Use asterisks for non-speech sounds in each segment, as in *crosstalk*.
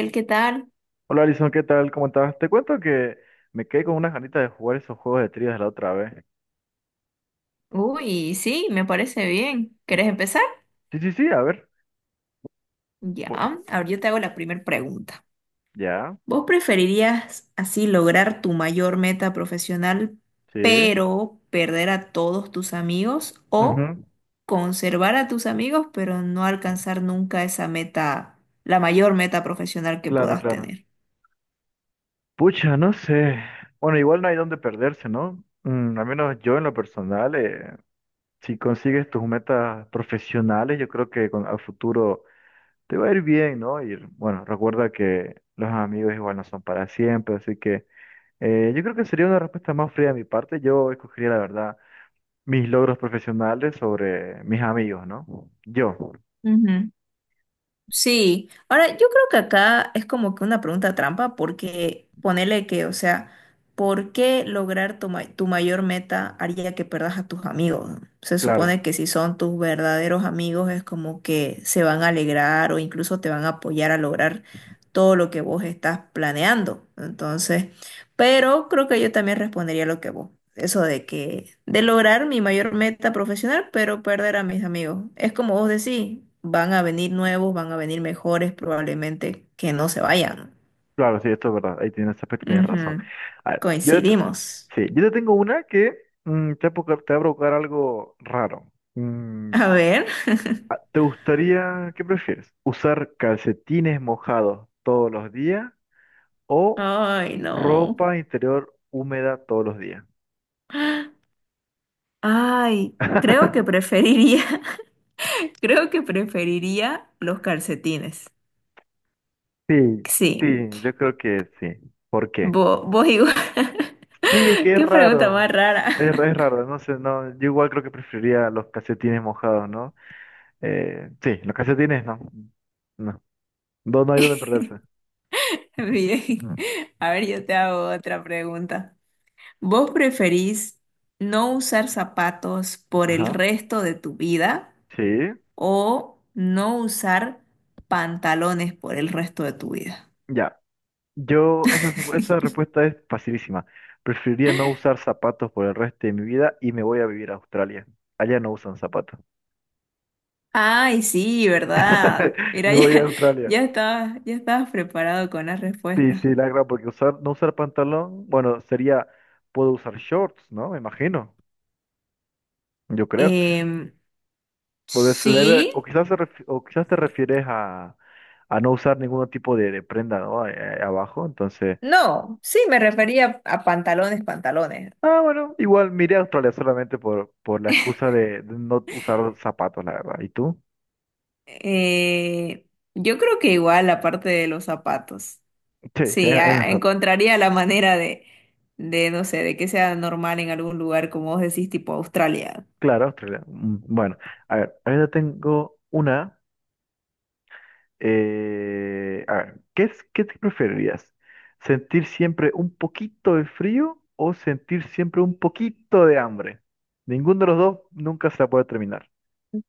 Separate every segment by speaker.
Speaker 1: Axel, ¿qué tal?
Speaker 2: Hola Alison, ¿qué tal? ¿Cómo estás? Te cuento que me quedé con unas ganitas de jugar esos juegos de trivias la otra vez.
Speaker 1: Uy, sí, me parece bien. ¿Quieres empezar?
Speaker 2: Sí, sí, sí, a ver.
Speaker 1: Ya,
Speaker 2: Bo-
Speaker 1: ahora yo te hago la primera pregunta.
Speaker 2: Ya,
Speaker 1: ¿Vos preferirías así lograr tu mayor meta profesional,
Speaker 2: sí.
Speaker 1: pero perder a todos tus amigos o
Speaker 2: ujú,
Speaker 1: conservar a tus amigos, pero no alcanzar nunca esa meta, la mayor meta profesional que
Speaker 2: Claro,
Speaker 1: puedas
Speaker 2: claro.
Speaker 1: tener?
Speaker 2: Pucha, no sé. Bueno, igual no hay dónde perderse, ¿no? Al menos yo en lo personal, si consigues tus metas profesionales, yo creo que con, al futuro te va a ir bien, ¿no? Y bueno, recuerda que los amigos igual no son para siempre, así que yo creo que sería una respuesta más fría de mi parte. Yo escogería la verdad mis logros profesionales sobre mis amigos, ¿no? Yo, claro.
Speaker 1: Ujú. Sí, ahora yo creo que acá es como que una pregunta trampa porque ponele que, o sea, ¿por qué lograr tu mayor meta haría que perdas a tus amigos? Se
Speaker 2: Claro,
Speaker 1: supone que si son tus verdaderos amigos es como que se van a alegrar o incluso te van a apoyar a lograr todo lo que vos estás planeando. Entonces, pero creo que yo también respondería lo que vos eso de que, de lograr mi mayor meta profesional, pero perder a mis amigos. Es como vos decís, van a venir nuevos, van a venir mejores, probablemente que no se vayan.
Speaker 2: claro, sí, esto es verdad, ahí tienes, ese aspecto tienes razón.
Speaker 1: Ujú.
Speaker 2: A ver,
Speaker 1: Coincidimos.
Speaker 2: sí, yo te tengo una que va a provocar te va a provocar algo raro.
Speaker 1: A ver.
Speaker 2: ¿Te gustaría, qué prefieres? ¿Usar calcetines mojados todos los días o
Speaker 1: Ay, no.
Speaker 2: ropa interior húmeda todos los días?
Speaker 1: Ay, creo que
Speaker 2: *laughs*
Speaker 1: preferiría, *laughs* creo que preferiría los calcetines.
Speaker 2: Sí, sí,
Speaker 1: Sí,
Speaker 2: yo creo que sí. ¿Por qué?
Speaker 1: vos igual.
Speaker 2: Sí, es que
Speaker 1: *laughs*
Speaker 2: es
Speaker 1: Qué pregunta
Speaker 2: raro.
Speaker 1: más rara.
Speaker 2: Es raro, no sé, no, yo igual creo que preferiría los calcetines mojados, ¿no? Sí, los calcetines no. No. No, no hay donde perderse.
Speaker 1: *laughs* Bien. Mm. A ver, yo te hago otra pregunta. ¿Vos preferís no usar zapatos por el
Speaker 2: Ajá.
Speaker 1: resto de tu vida
Speaker 2: Sí,
Speaker 1: o no usar pantalones por el resto de tu vida?
Speaker 2: ya. Esta
Speaker 1: *laughs*
Speaker 2: respuesta es facilísima. Preferiría no usar zapatos por el resto de mi vida y me voy a vivir a Australia. Allá no usan zapatos.
Speaker 1: Ay, sí, ¿verdad?
Speaker 2: *laughs* Me
Speaker 1: Mira, *laughs*
Speaker 2: voy a
Speaker 1: ya,
Speaker 2: Australia.
Speaker 1: ya estabas preparado con la
Speaker 2: Sí,
Speaker 1: respuesta.
Speaker 2: sí, la gran, porque no usar pantalón, bueno, sería, puedo usar shorts, ¿no? Me imagino, yo creo.
Speaker 1: Em,
Speaker 2: Pues se debe,
Speaker 1: sí,
Speaker 2: quizás, o quizás te refieres a no usar ningún tipo de prenda, ¿no? Abajo. Entonces,
Speaker 1: no, sí, me refería a pantalones.
Speaker 2: ah, bueno, igual miré a Australia solamente por la excusa de no usar zapatos, la verdad. ¿Y tú?
Speaker 1: Eh, yo creo que igual la parte de los zapatos.
Speaker 2: Sí, sí,
Speaker 1: Sí,
Speaker 2: es
Speaker 1: a-
Speaker 2: mejor.
Speaker 1: encontraría la manera de, no sé, de que sea normal en algún lugar, como vos decís, tipo Australia.
Speaker 2: Claro, Australia. Mm, bueno, a ver, ahora tengo una. ¿Qué es, qué te preferirías? ¿Sentir siempre un poquito de frío o sentir siempre un poquito de hambre? Ninguno de los dos nunca se la puede terminar.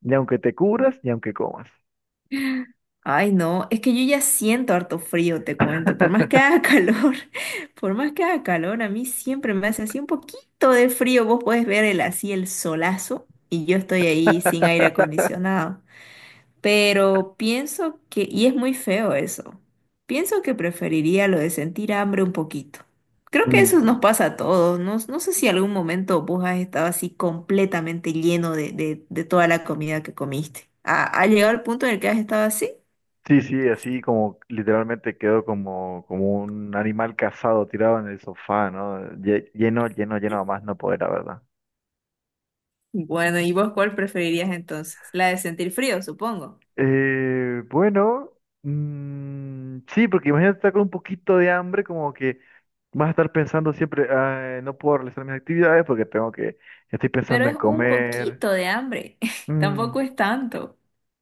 Speaker 2: Ni aunque te cubras, ni aunque comas.
Speaker 1: Ay, no, es que yo ya siento harto frío, te cuento. Por más que haga *laughs* calor, por más que haga calor, a mí siempre me hace así un poquito de frío. Vos podés ver el, así el solazo y yo estoy ahí sin aire
Speaker 2: *laughs*
Speaker 1: acondicionado. Pero pienso que, y es muy feo eso, pienso que preferiría lo de sentir hambre un poquito. Creo que eso nos
Speaker 2: Mm.
Speaker 1: pasa a todos. No, no sé si en algún momento vos has estado así completamente lleno de toda la comida que comiste. Ha llegado al punto en el que has estado así?
Speaker 2: Sí, sí, así como literalmente quedó como, como un animal cazado tirado en el sofá, ¿no? Lleno, lleno, lleno a más no poder, la verdad.
Speaker 1: Bueno, ¿y vos cuál preferirías entonces? La de sentir frío, supongo.
Speaker 2: Eh, bueno, sí, porque imagínate estar con un poquito de hambre, como que vas a estar pensando siempre, "Ay, no puedo realizar mis actividades porque tengo que, estoy
Speaker 1: Pero
Speaker 2: pensando en
Speaker 1: es un
Speaker 2: comer."
Speaker 1: poquito de hambre. *laughs*
Speaker 2: Mm.
Speaker 1: Tampoco es tanto.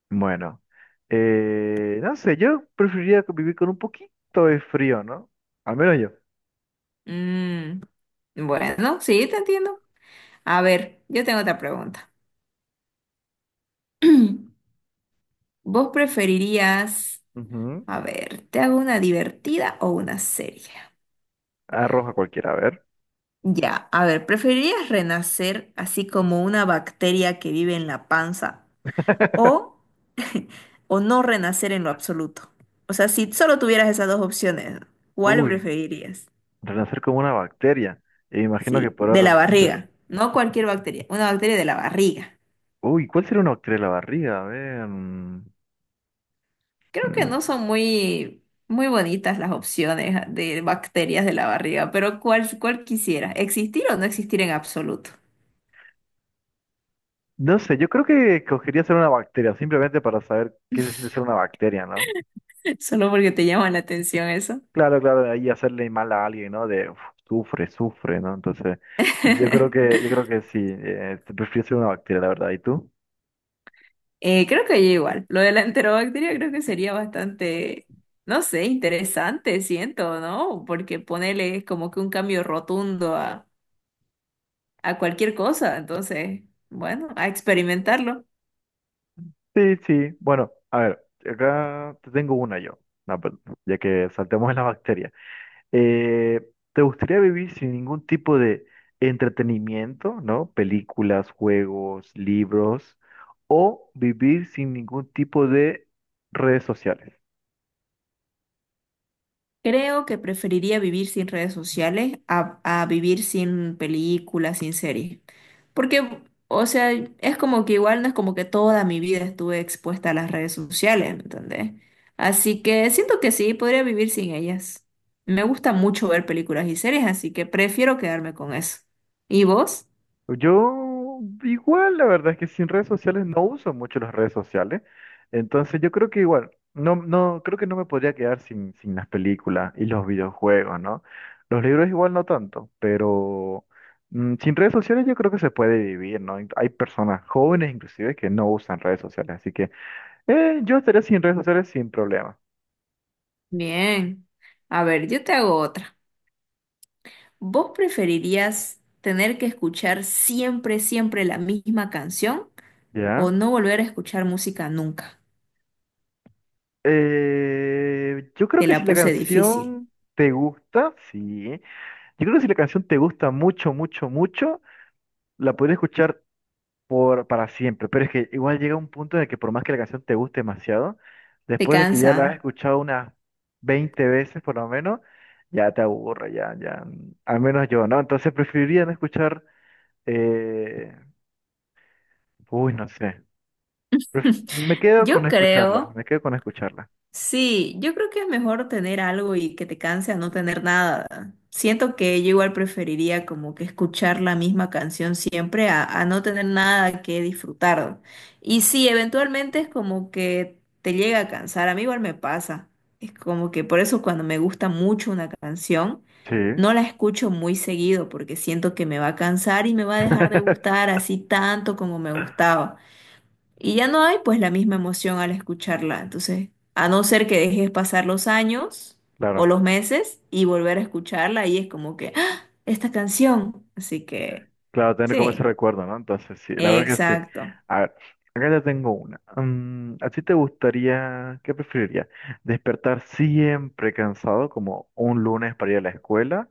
Speaker 2: Bueno, no sé, yo preferiría vivir con un poquito de frío, ¿no? Al menos yo.
Speaker 1: Mm, bueno, sí, te entiendo. A ver, yo tengo otra pregunta. *clears throat* ¿Vos preferirías,
Speaker 2: Ujú.
Speaker 1: a ver, te hago una divertida o una seria?
Speaker 2: Arroja cualquiera, a ver.
Speaker 1: Ya, a ver, ¿preferirías renacer así como una bacteria que vive en la panza
Speaker 2: *laughs*
Speaker 1: o, o no renacer en lo absoluto? O sea, si solo tuvieras esas dos opciones, ¿cuál
Speaker 2: Uy,
Speaker 1: preferirías?
Speaker 2: renacer como una bacteria. E imagino que
Speaker 1: Sí,
Speaker 2: podrá
Speaker 1: de la
Speaker 2: renacer.
Speaker 1: barriga, no cualquier bacteria, una bacteria de la barriga.
Speaker 2: Uy, ¿cuál sería una bacteria en la barriga? A ver.
Speaker 1: Creo que
Speaker 2: Mm,
Speaker 1: no son muy bonitas las opciones de bacterias de la barriga, pero cuál quisieras? ¿Existir o no existir en absoluto?
Speaker 2: No sé, yo creo que escogería ser una bacteria, simplemente para saber qué se siente ser una bacteria, ¿no?
Speaker 1: Solo porque te llama la atención eso.
Speaker 2: Claro, claro, ahí hacerle mal a alguien, ¿no? De uf, sufre, sufre, ¿no? Entonces,
Speaker 1: *laughs*
Speaker 2: yo creo que sí, te prefiero ser una bacteria, la verdad. ¿Y tú?
Speaker 1: Creo que yo igual. Lo de la enterobacteria creo que sería bastante, no sé, interesante, siento, ¿no? Porque ponerle como que un cambio rotundo a cualquier cosa. Entonces, bueno, a experimentarlo.
Speaker 2: Sí, sí. Bueno, a ver, acá te tengo una yo, no, pero ya que saltemos en la bacteria. Eh, ¿Te gustaría vivir sin ningún tipo de entretenimiento, ¿no? Películas, juegos, libros, o vivir sin ningún tipo de redes sociales?
Speaker 1: Creo que preferiría vivir sin redes sociales a vivir sin películas, sin series. Porque, o sea, es como que igual no es como que toda mi vida estuve expuesta a las redes sociales, ¿me entendés? Así que siento que sí, podría vivir sin ellas. Me gusta mucho ver películas y series, así que prefiero quedarme con eso. ¿Y vos?
Speaker 2: Yo igual, la verdad es que sin redes sociales no uso mucho las redes sociales. Entonces yo creo que igual, no, no, creo que no me podría quedar sin las películas y los videojuegos, ¿no? Los libros igual no tanto, pero sin redes sociales yo creo que se puede vivir, ¿no? Hay personas jóvenes inclusive que no usan redes sociales, así que yo estaría sin redes sociales sin problema,
Speaker 1: Bien. A ver, yo te hago otra. ¿Vos preferirías tener que escuchar siempre, siempre la misma canción
Speaker 2: ¿ya?
Speaker 1: o no volver a escuchar música nunca?
Speaker 2: Yo creo
Speaker 1: Te
Speaker 2: que
Speaker 1: la
Speaker 2: si la
Speaker 1: puse difícil.
Speaker 2: canción te gusta, sí. Yo creo que si la canción te gusta mucho, mucho, mucho, la puedes escuchar para siempre. Pero es que igual llega un punto en el que por más que la canción te guste demasiado,
Speaker 1: ¿Te
Speaker 2: después de que ya
Speaker 1: cansa?
Speaker 2: la has escuchado unas 20 veces por lo menos, ya te aburre, ya, ya. Al menos yo, ¿no? Entonces preferiría no escuchar, eh, uy, no sé.
Speaker 1: *laughs*
Speaker 2: Me quedo con
Speaker 1: Yo
Speaker 2: escucharla,
Speaker 1: creo.
Speaker 2: me quedo con escucharla.
Speaker 1: Sí, yo creo que es mejor tener algo y que te canse a no tener nada. Siento que yo igual preferiría como que escuchar la misma canción siempre a no tener nada que disfrutar. Y sí, eventualmente es como que te llega a cansar, a mí igual me pasa. Es como que por eso cuando me gusta mucho una canción,
Speaker 2: Sí.
Speaker 1: no la escucho muy seguido porque siento que me va a cansar y me va a dejar de gustar
Speaker 2: *laughs*
Speaker 1: así tanto como me gustaba. Y ya no hay pues la misma emoción al escucharla. Entonces, a no ser que dejes pasar los años o
Speaker 2: Claro.
Speaker 1: los meses y volver a escucharla, y es como que, ¡ah! Esta canción. Así que
Speaker 2: Claro, tener como ese
Speaker 1: sí,
Speaker 2: recuerdo, ¿no? Entonces, sí, la verdad que sí.
Speaker 1: exacto.
Speaker 2: A ver, acá ya tengo una. Mm, ¿a ti te gustaría, qué preferirías? ¿Despertar siempre cansado como un lunes para ir a la escuela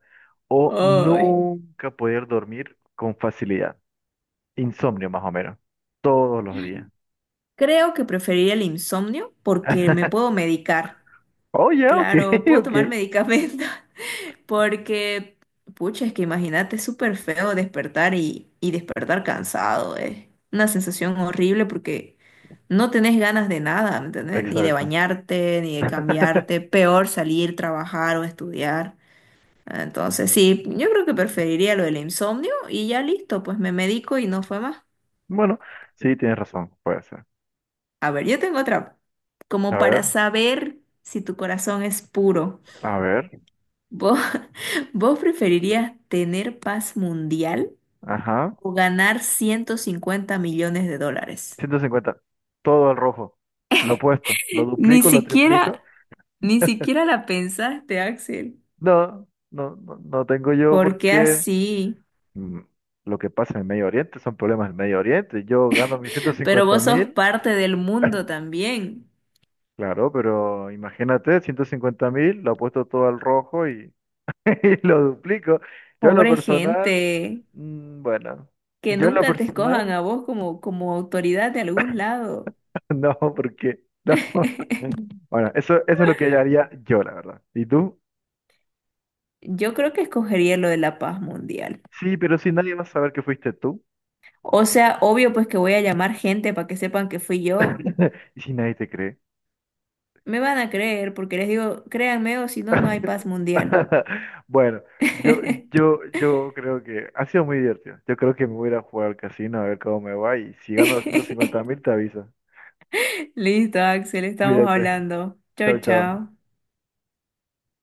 Speaker 2: o
Speaker 1: Ay.
Speaker 2: nunca poder dormir con facilidad? Insomnio más o menos, todos los días.
Speaker 1: Creo que preferiría el insomnio porque me puedo
Speaker 2: *laughs*
Speaker 1: medicar.
Speaker 2: Oh, ya, ok,
Speaker 1: Claro,
Speaker 2: *laughs*
Speaker 1: puedo
Speaker 2: ok.
Speaker 1: tomar medicamentos. *laughs* Porque, pucha, es que imagínate, es súper feo despertar y despertar cansado. Es una sensación horrible porque no tenés ganas de nada, ¿me entendés? Ni de
Speaker 2: Exacto.
Speaker 1: bañarte, ni de
Speaker 2: *laughs*
Speaker 1: cambiarte. Peor salir, trabajar o estudiar. Entonces, sí, yo creo que preferiría lo del insomnio y ya listo, pues me medico y no fue más.
Speaker 2: Bueno, sí, tienes razón, puede ser.
Speaker 1: A ver, yo tengo otra.
Speaker 2: A
Speaker 1: Como para
Speaker 2: ver,
Speaker 1: saber si tu corazón es puro.
Speaker 2: a ver,
Speaker 1: ¿Vos, *laughs* vos preferirías tener paz mundial
Speaker 2: ajá.
Speaker 1: o ganar 150 millones de dólares?
Speaker 2: 150. Todo al rojo. Lo opuesto. Lo
Speaker 1: Ni
Speaker 2: duplico, lo triplico.
Speaker 1: siquiera, ni siquiera la pensaste, Axel.
Speaker 2: No, no, no, no tengo yo
Speaker 1: ¿Por qué
Speaker 2: porque
Speaker 1: así?
Speaker 2: mm, lo que pasa en el Medio Oriente son problemas del Medio Oriente. Yo gano mis ciento
Speaker 1: Pero
Speaker 2: cincuenta
Speaker 1: vos sos
Speaker 2: mil,
Speaker 1: parte del mundo también.
Speaker 2: claro, pero imagínate, 150.000, lo apuesto todo al rojo y, *laughs* y lo duplico. Yo en lo
Speaker 1: Pobre
Speaker 2: personal,
Speaker 1: gente,
Speaker 2: mm, bueno,
Speaker 1: que
Speaker 2: yo en lo
Speaker 1: nunca te escojan
Speaker 2: personal,
Speaker 1: a vos como autoridad de algún lado.
Speaker 2: *laughs* no, porque no.
Speaker 1: *laughs*
Speaker 2: *laughs* Bueno, eso es lo que yo haría yo, la verdad. ¿Y tú?
Speaker 1: Yo creo que escogería lo de la paz mundial.
Speaker 2: Sí, pero si nadie va a saber que fuiste tú.
Speaker 1: O sea, obvio pues que voy a llamar gente para que sepan que fui yo.
Speaker 2: *laughs* Y si nadie te cree.
Speaker 1: Me van a creer porque les digo, créanme o si no, no hay paz
Speaker 2: *laughs*
Speaker 1: mundial.
Speaker 2: Bueno, yo,
Speaker 1: *laughs*
Speaker 2: yo creo que ha sido muy divertido. Yo creo que me voy a ir a jugar al casino a ver cómo me va. Y si gano 250.000, te aviso.
Speaker 1: Listo, Axel, estamos
Speaker 2: Cuídate.
Speaker 1: hablando.
Speaker 2: Chao,
Speaker 1: Chao,
Speaker 2: chao.
Speaker 1: chao.